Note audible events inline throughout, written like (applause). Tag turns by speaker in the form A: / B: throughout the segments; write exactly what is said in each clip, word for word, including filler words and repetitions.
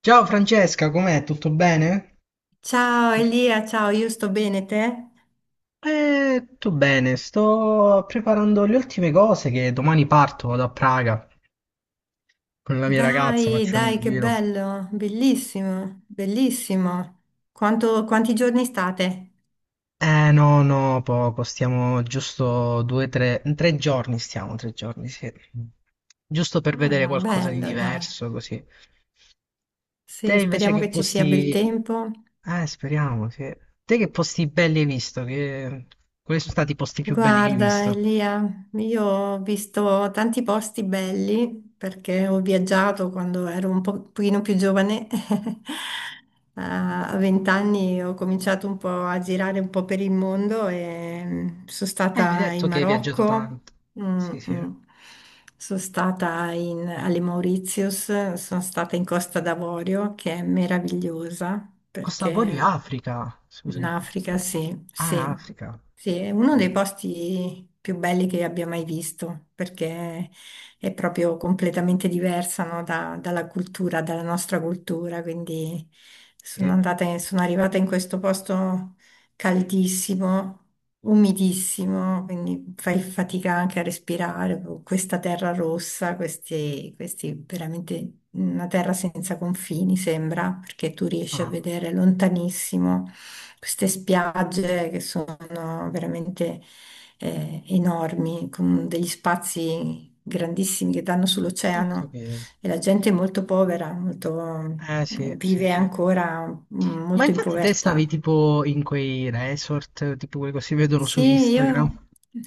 A: Ciao Francesca, com'è? Tutto bene?
B: Ciao Elia, ciao, io sto bene, te?
A: Eh, tutto bene, sto preparando le ultime cose che domani parto, vado a Praga con la mia ragazza,
B: Dai,
A: facciamo un
B: dai, che
A: giro.
B: bello, bellissimo, bellissimo. Quanto- quanti giorni state?
A: Eh no, no, poco, stiamo giusto due, tre, tre giorni stiamo, tre giorni, sì. Giusto per vedere
B: Ah,
A: qualcosa di
B: bello, dai.
A: diverso, così. Te
B: Sì,
A: invece
B: speriamo
A: che
B: che ci sia bel
A: posti...
B: tempo.
A: Eh, speriamo, sì. Te che posti belli hai visto? Che... Quali sono stati i posti più belli che hai
B: Guarda,
A: visto?
B: Elia, io ho visto tanti posti belli perché ho viaggiato quando ero un po- pochino più giovane. (laughs) A vent'anni ho cominciato un po' a girare un po' per il mondo e mm, sono
A: Eh, gli hai
B: stata
A: detto
B: in
A: che hai viaggiato
B: Marocco,
A: tanto.
B: mm,
A: Sì, sì.
B: mm, sono stata in- alle Mauritius, sono stata in Costa d'Avorio che è meravigliosa
A: Costa d'Avorio,
B: perché
A: è Africa.
B: in
A: Scusami. Sì.
B: Africa, sì,
A: Ah,
B: sì,
A: Africa.
B: sì, è uno
A: Sì.
B: dei posti più belli che abbia mai visto, perché è proprio completamente diversa, no, da- dalla cultura, dalla nostra cultura, quindi sono
A: Sì.
B: andata, in- sono arrivata in questo posto caldissimo, umidissimo, quindi fai fatica anche a respirare con questa terra rossa, questi, questi veramente una terra senza confini sembra, perché tu riesci a
A: Ah,
B: vedere lontanissimo queste spiagge che sono veramente eh, enormi, con degli spazi grandissimi che danno
A: ho
B: sull'oceano
A: capito.
B: e la gente è molto povera, molto,
A: Eh, sì, sì,
B: vive
A: sì.
B: ancora mm,
A: Ma
B: molto in
A: infatti te stavi
B: povertà.
A: tipo in quei resort, tipo quelli che si vedono su
B: Sì,
A: Instagram,
B: io,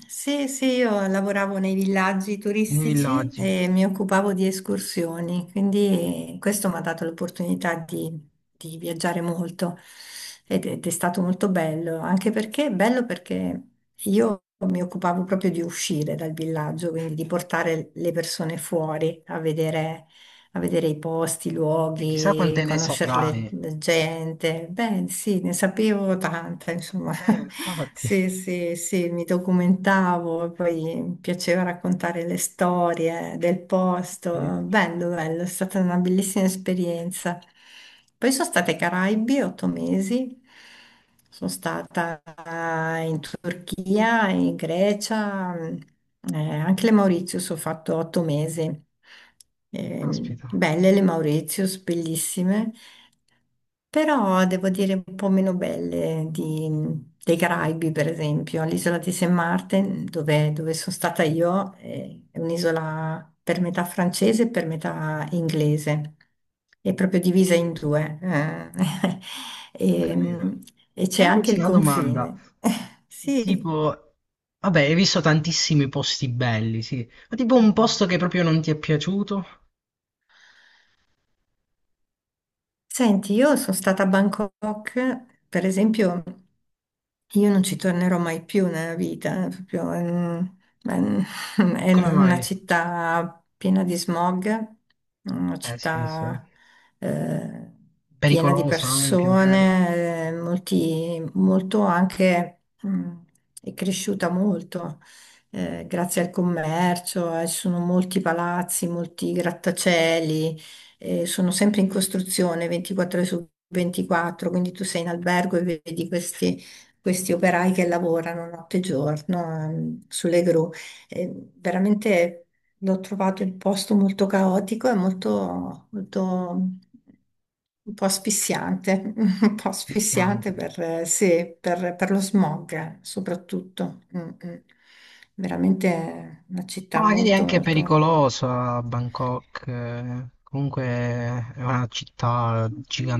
B: sì, sì, io lavoravo nei villaggi
A: nei
B: turistici
A: villaggi.
B: e mi occupavo di escursioni, quindi questo mi ha dato l'opportunità di, di viaggiare molto ed, ed è stato molto bello, anche perché bello perché io mi occupavo proprio di uscire dal villaggio, quindi di portare le persone fuori a vedere, a vedere i posti, i
A: E chissà
B: luoghi,
A: quante ne
B: conoscere le-
A: saprai.
B: la gente. Beh, sì, ne sapevo tanta, insomma.
A: Eh,
B: (laughs)
A: infatti.
B: Sì, sì, sì, mi documentavo e poi mi piaceva raccontare le storie del
A: Sì.
B: posto. Bello, bello, è stata una bellissima esperienza. Poi sono state ai Caraibi otto mesi, sono stata in Turchia Turchia, in Grecia, mh, eh, anche le Mauritius ho fatto otto mesi. Ehm,
A: Caspita.
B: belle le Mauritius, bellissime, però devo dire un po' meno belle di, dei Caraibi, per esempio. All'isola di Saint Martin, dove, dove sono stata io, eh, è un'isola per metà francese e per metà inglese, è proprio divisa in due, eh. (laughs)
A: Ho
B: E,
A: capito.
B: e
A: E
B: c'è anche
A: invece
B: il
A: una domanda,
B: confine. (laughs) Sì.
A: tipo, vabbè, hai visto tantissimi posti belli, sì, ma tipo un posto che proprio non ti è piaciuto?
B: Senti, io sono stata a Bangkok, per esempio, io non ci tornerò mai più nella vita, è proprio, mm, è un- (laughs) è una
A: Come
B: una
A: mai?
B: città piena di smog, una
A: Eh sì, sì.
B: città eh, piena di
A: Pericolosa anche, magari.
B: persone, eh, molti, molto anche, mm, è cresciuta molto eh, grazie al commercio, eh, ci sono molti palazzi, molti grattacieli eh, sono sempre in costruzione ventiquattro ore su ventiquattro, quindi tu sei in albergo e vedi questi, questi operai che lavorano notte e giorno, ehm, sulle gru. Eh, veramente l'ho trovato il posto molto caotico e molto, molto un po' asfissiante, (laughs) un po'
A: Rischiante.
B: asfissiante per, eh, sì, per- per lo smog eh, soprattutto. Mm, mm. Veramente una
A: Ma
B: città
A: magari è
B: molto,
A: anche
B: molto.
A: pericolosa Bangkok, eh, comunque è una città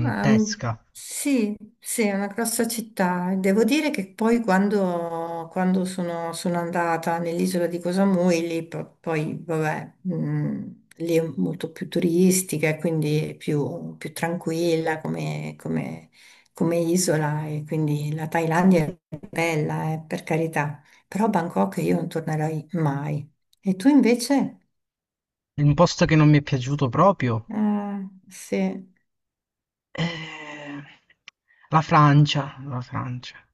B: Ma, mm, sì, sì, è una grossa città. E devo dire che poi quando, quando sono, sono andata nell'isola di Koh Samui, lì po- poi, vabbè, mm, lì è molto più turistica e quindi è più, più tranquilla come, come- come isola e quindi la Thailandia è bella, eh, per carità, però Bangkok io non tornerei mai. E tu invece?
A: Un posto che non mi è piaciuto proprio?
B: Ah, sì,
A: Eh, La Francia, la Francia.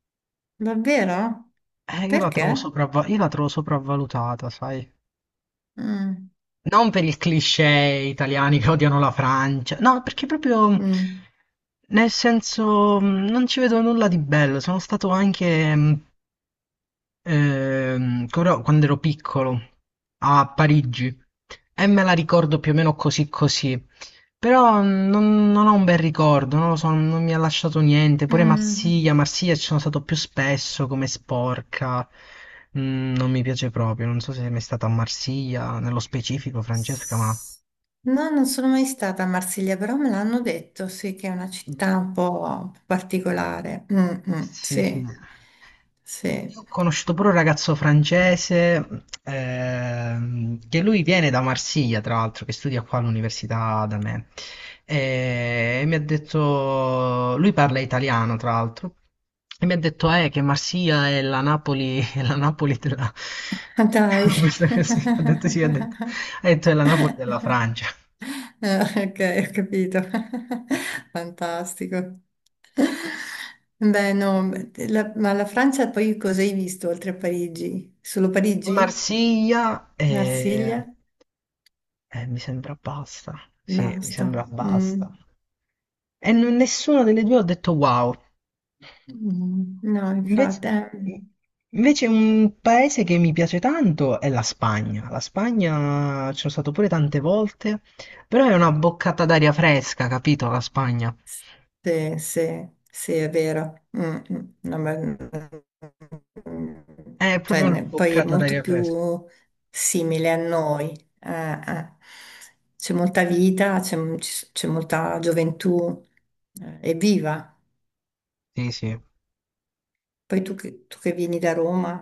B: davvero?
A: Eh, io la trovo
B: Perché?
A: sopravva- io la trovo sopravvalutata, sai?
B: Mm.
A: Non per il cliché italiani che odiano la Francia, no, perché proprio
B: Mm.
A: nel senso mh, non ci vedo nulla di bello. Sono stato anche mh, ehm, però quando ero piccolo a Parigi e me la ricordo più o meno così così. Però mm, non, non ho un bel ricordo, non lo so, non mi ha lasciato niente. Pure
B: Mm.
A: Marsiglia, Marsiglia ci sono stato più spesso come sporca. Mm, non mi piace proprio, non so se è mai stata a Marsiglia, nello specifico
B: S-
A: Francesca, ma...
B: No, non sono mai stata a Marsiglia, però me l'hanno detto, sì, che è una città un po' particolare. Mm, mm,
A: Sì, sì.
B: sì, sì.
A: Io ho conosciuto pure un ragazzo francese ehm, che lui viene da Marsiglia, tra l'altro, che studia qua all'università da me. E mi ha detto, lui parla italiano, tra l'altro, e mi ha detto eh, che Marsiglia è la Napoli, (laughs) è la Napoli della...
B: Ah, dai.
A: (laughs) Questa così, ha detto sì, ha detto,
B: (laughs)
A: ha detto è la Napoli della Francia.
B: Eh, ok, ho capito. (laughs) Fantastico. Beh, no, la- ma la Francia poi cosa hai visto oltre a Parigi? Solo
A: E
B: Parigi?
A: Marsiglia, eh,
B: Marsiglia?
A: eh, mi sembra basta. Sì, mi
B: Basta.
A: sembra basta.
B: Mm.
A: E n- nessuna delle due ha detto wow.
B: Mm, no,
A: Invece,
B: infatti, eh,
A: invece un paese che mi piace tanto è la Spagna. La Spagna ci sono stato pure tante volte, però è una boccata d'aria fresca, capito? La Spagna
B: sì, sì, sì, è vero. Mm, mm, no, ma- mm,
A: è
B: cioè,
A: proprio una
B: ne- poi è
A: boccata
B: molto
A: d'aria fresca.
B: più simile a noi. Eh, eh. C'è molta vita, c'è ci- c'è molta gioventù, eh, è viva.
A: Sì, sì.
B: Poi tu che, tu che vieni da Roma.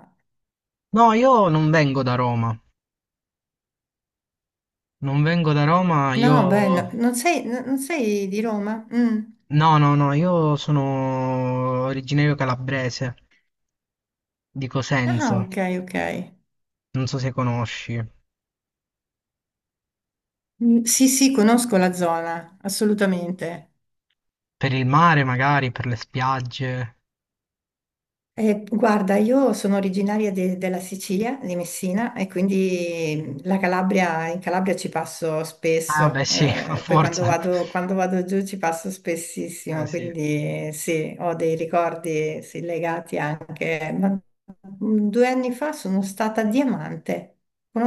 A: No, io non vengo da Roma. Non vengo da Roma, io...
B: No, beh, no, non sei, no- non sei di Roma? Mm.
A: No, no, no, io sono originario calabrese, di
B: Ah,
A: Cosenza.
B: ok, ok.
A: Non so se conosci.
B: Mm, sì, sì, conosco la zona, assolutamente.
A: Per il mare magari, per le spiagge.
B: Eh, guarda, io sono originaria de- della Sicilia, di Messina, e quindi la Calabria, in Calabria ci passo
A: Ah
B: spesso,
A: beh sì, (laughs) a
B: eh, poi quando
A: forza.
B: vado, quando vado giù ci passo
A: Eh
B: spessissimo,
A: sì.
B: quindi eh, sì, ho dei ricordi sì, legati anche. Ma mm, due anni fa sono stata a Diamante,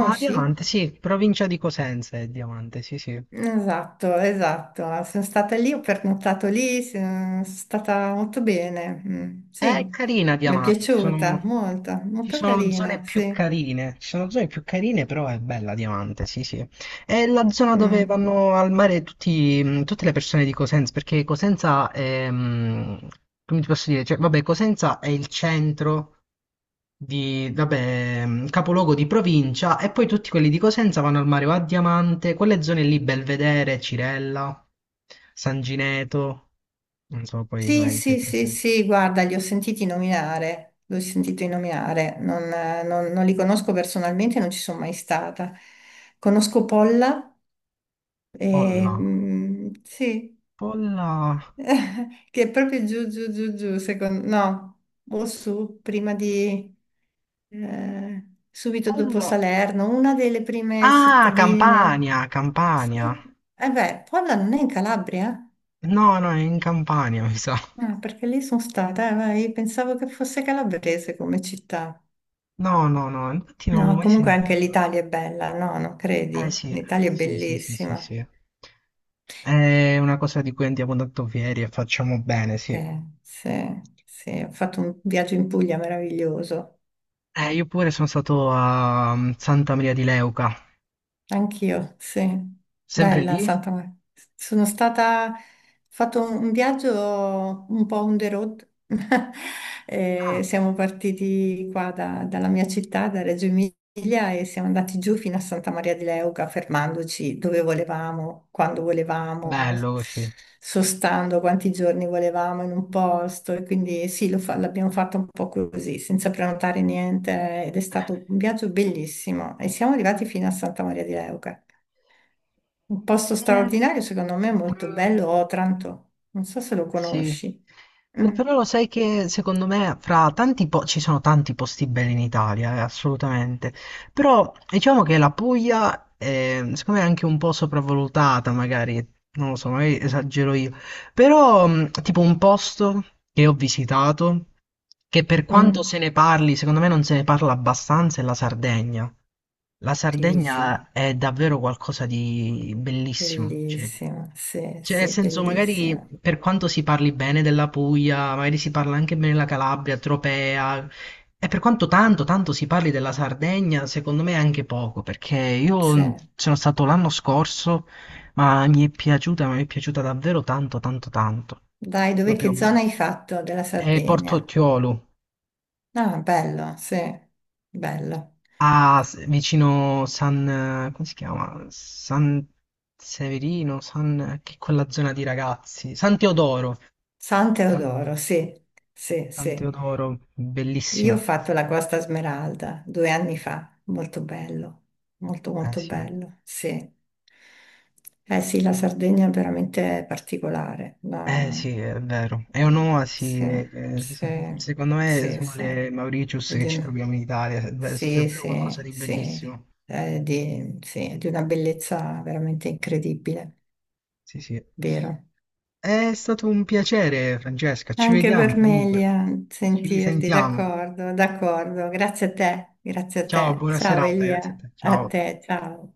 A: Ah, Diamante, sì, provincia di Cosenza è Diamante, sì sì.
B: Esatto, esatto. Sono stata lì, ho pernottato lì, se- sono stata molto bene. Mm,
A: È
B: sì,
A: carina
B: mi è
A: Diamante, ci
B: piaciuta
A: sono,
B: molto,
A: ci
B: molto
A: sono zone
B: carina,
A: più
B: sì.
A: carine, ci sono zone più carine, però è bella Diamante, sì sì. È la zona dove
B: Mm.
A: vanno al mare tutti, mh, tutte le persone di Cosenza, perché Cosenza è, mh, come ti posso dire, cioè, vabbè, Cosenza è il centro di, vabbè, mh, capoluogo di provincia e poi tutti quelli di Cosenza vanno al mare o a Diamante, quelle zone lì, Belvedere, Cirella, San Gineto, non so poi se
B: Sì,
A: mai sei
B: sì, sì,
A: presente.
B: sì, guarda, li ho sentiti nominare, li ho sentiti nominare, non, eh, non- non li conosco personalmente, non ci sono mai stata. Conosco Polla, e,
A: Olla.
B: mm, sì.
A: Polla,
B: (laughs) Che è proprio giù, giù, giù, giù, secondo... no, o su, prima di... eh, subito dopo
A: Polla.
B: Salerno, una delle prime
A: Ah,
B: cittadine.
A: Campania,
B: Sì,
A: Campania.
B: eh beh, Polla non è in Calabria?
A: No, no, è in Campania, mi sa.
B: Eh? Ah, perché lì sono stata, eh, ma io pensavo che fosse calabrese come città.
A: No, no, no, infatti non l'avevo
B: No,
A: mai
B: comunque anche
A: sentito.
B: l'Italia è bella, no, non
A: Eh
B: credi?
A: sì,
B: L'Italia è
A: sì, sì, sì, sì,
B: bellissima.
A: sì. È una cosa di cui andiamo tanto fieri e facciamo bene, sì.
B: Eh, sì, sì, ho fatto un viaggio in Puglia meraviglioso.
A: Eh, io pure sono stato a mm, Santa Maria di Leuca.
B: Anch'io, sì.
A: Sempre
B: Bella
A: lì?
B: Santa Maria. Sono stata, fatto un un viaggio un po' on the road. (laughs) Eh,
A: Ah,
B: siamo partiti qua da- dalla mia città, da Reggio Emilia, e siamo andati giù fino a Santa Maria di Leuca, fermandoci dove volevamo, quando volevamo,
A: bello così.
B: sostando quanti giorni volevamo in un posto. E quindi sì, lo fa- l'abbiamo fatto un po' così, senza prenotare niente, ed è stato un viaggio bellissimo. E siamo arrivati fino a Santa Maria di Leuca. Un posto
A: Eh,
B: straordinario, secondo me, molto
A: mm,
B: bello, Otranto. Non so se lo
A: sì.
B: conosci.
A: Lo-
B: Mm,
A: Però lo sai che secondo me fra tanti po- ci sono tanti posti belli in Italia, eh, assolutamente. Però diciamo che la Puglia eh, secondo me è anche un po' sopravvalutata, magari, non lo so, magari esagero io. Però mh, tipo un posto che ho visitato, che per quanto
B: mm,
A: se ne parli, secondo me non se ne parla abbastanza, è la Sardegna. La
B: sì, sì,
A: Sardegna è davvero qualcosa di bellissimo. Cioè.
B: bellissima, sì,
A: Cioè, nel
B: sì,
A: senso, magari
B: bellissima.
A: per quanto si parli bene della Puglia, magari si parla anche bene della Calabria, Tropea, e per quanto tanto, tanto si parli della Sardegna, secondo me anche poco, perché
B: Sì.
A: io sono stato l'anno scorso, ma mi è piaciuta, ma mi è piaciuta davvero tanto, tanto, tanto.
B: Dai, dove,
A: Proprio.
B: che zona hai fatto della
A: E
B: Sardegna?
A: Portocchiolo,
B: Ah, bello, sì, bello.
A: a, s- vicino San, eh, come si chiama? San Severino, San, che è quella zona di ragazzi, San Teodoro.
B: San
A: San-
B: Teodoro, sì, sì,
A: San
B: sì.
A: Teodoro,
B: Io ho
A: bellissimo.
B: fatto la Costa Smeralda due anni fa, molto bello, molto
A: Eh
B: molto
A: sì,
B: bello, sì. Eh sì, la Sardegna è veramente particolare.
A: eh
B: La-
A: sì, è vero. È un'oasi,
B: Sì,
A: eh, se-
B: sì,
A: secondo me,
B: sì, sì.
A: sulle Mauritius
B: È
A: che
B: di
A: ci
B: un-
A: troviamo in Italia, è
B: Sì,
A: davvero qualcosa
B: sì,
A: di
B: sì.
A: bellissimo.
B: È di... sì, è di una bellezza veramente incredibile,
A: Sì, sì.
B: vero?
A: È stato un piacere, Francesca. Ci
B: Anche
A: vediamo
B: per me,
A: comunque.
B: Elia,
A: Ci
B: sentirti,
A: risentiamo.
B: d'accordo, d'accordo. Grazie a te, grazie a
A: Ciao,
B: te.
A: buona
B: Ciao
A: serata, grazie a
B: Elia,
A: te.
B: a
A: Ciao.
B: te, ciao.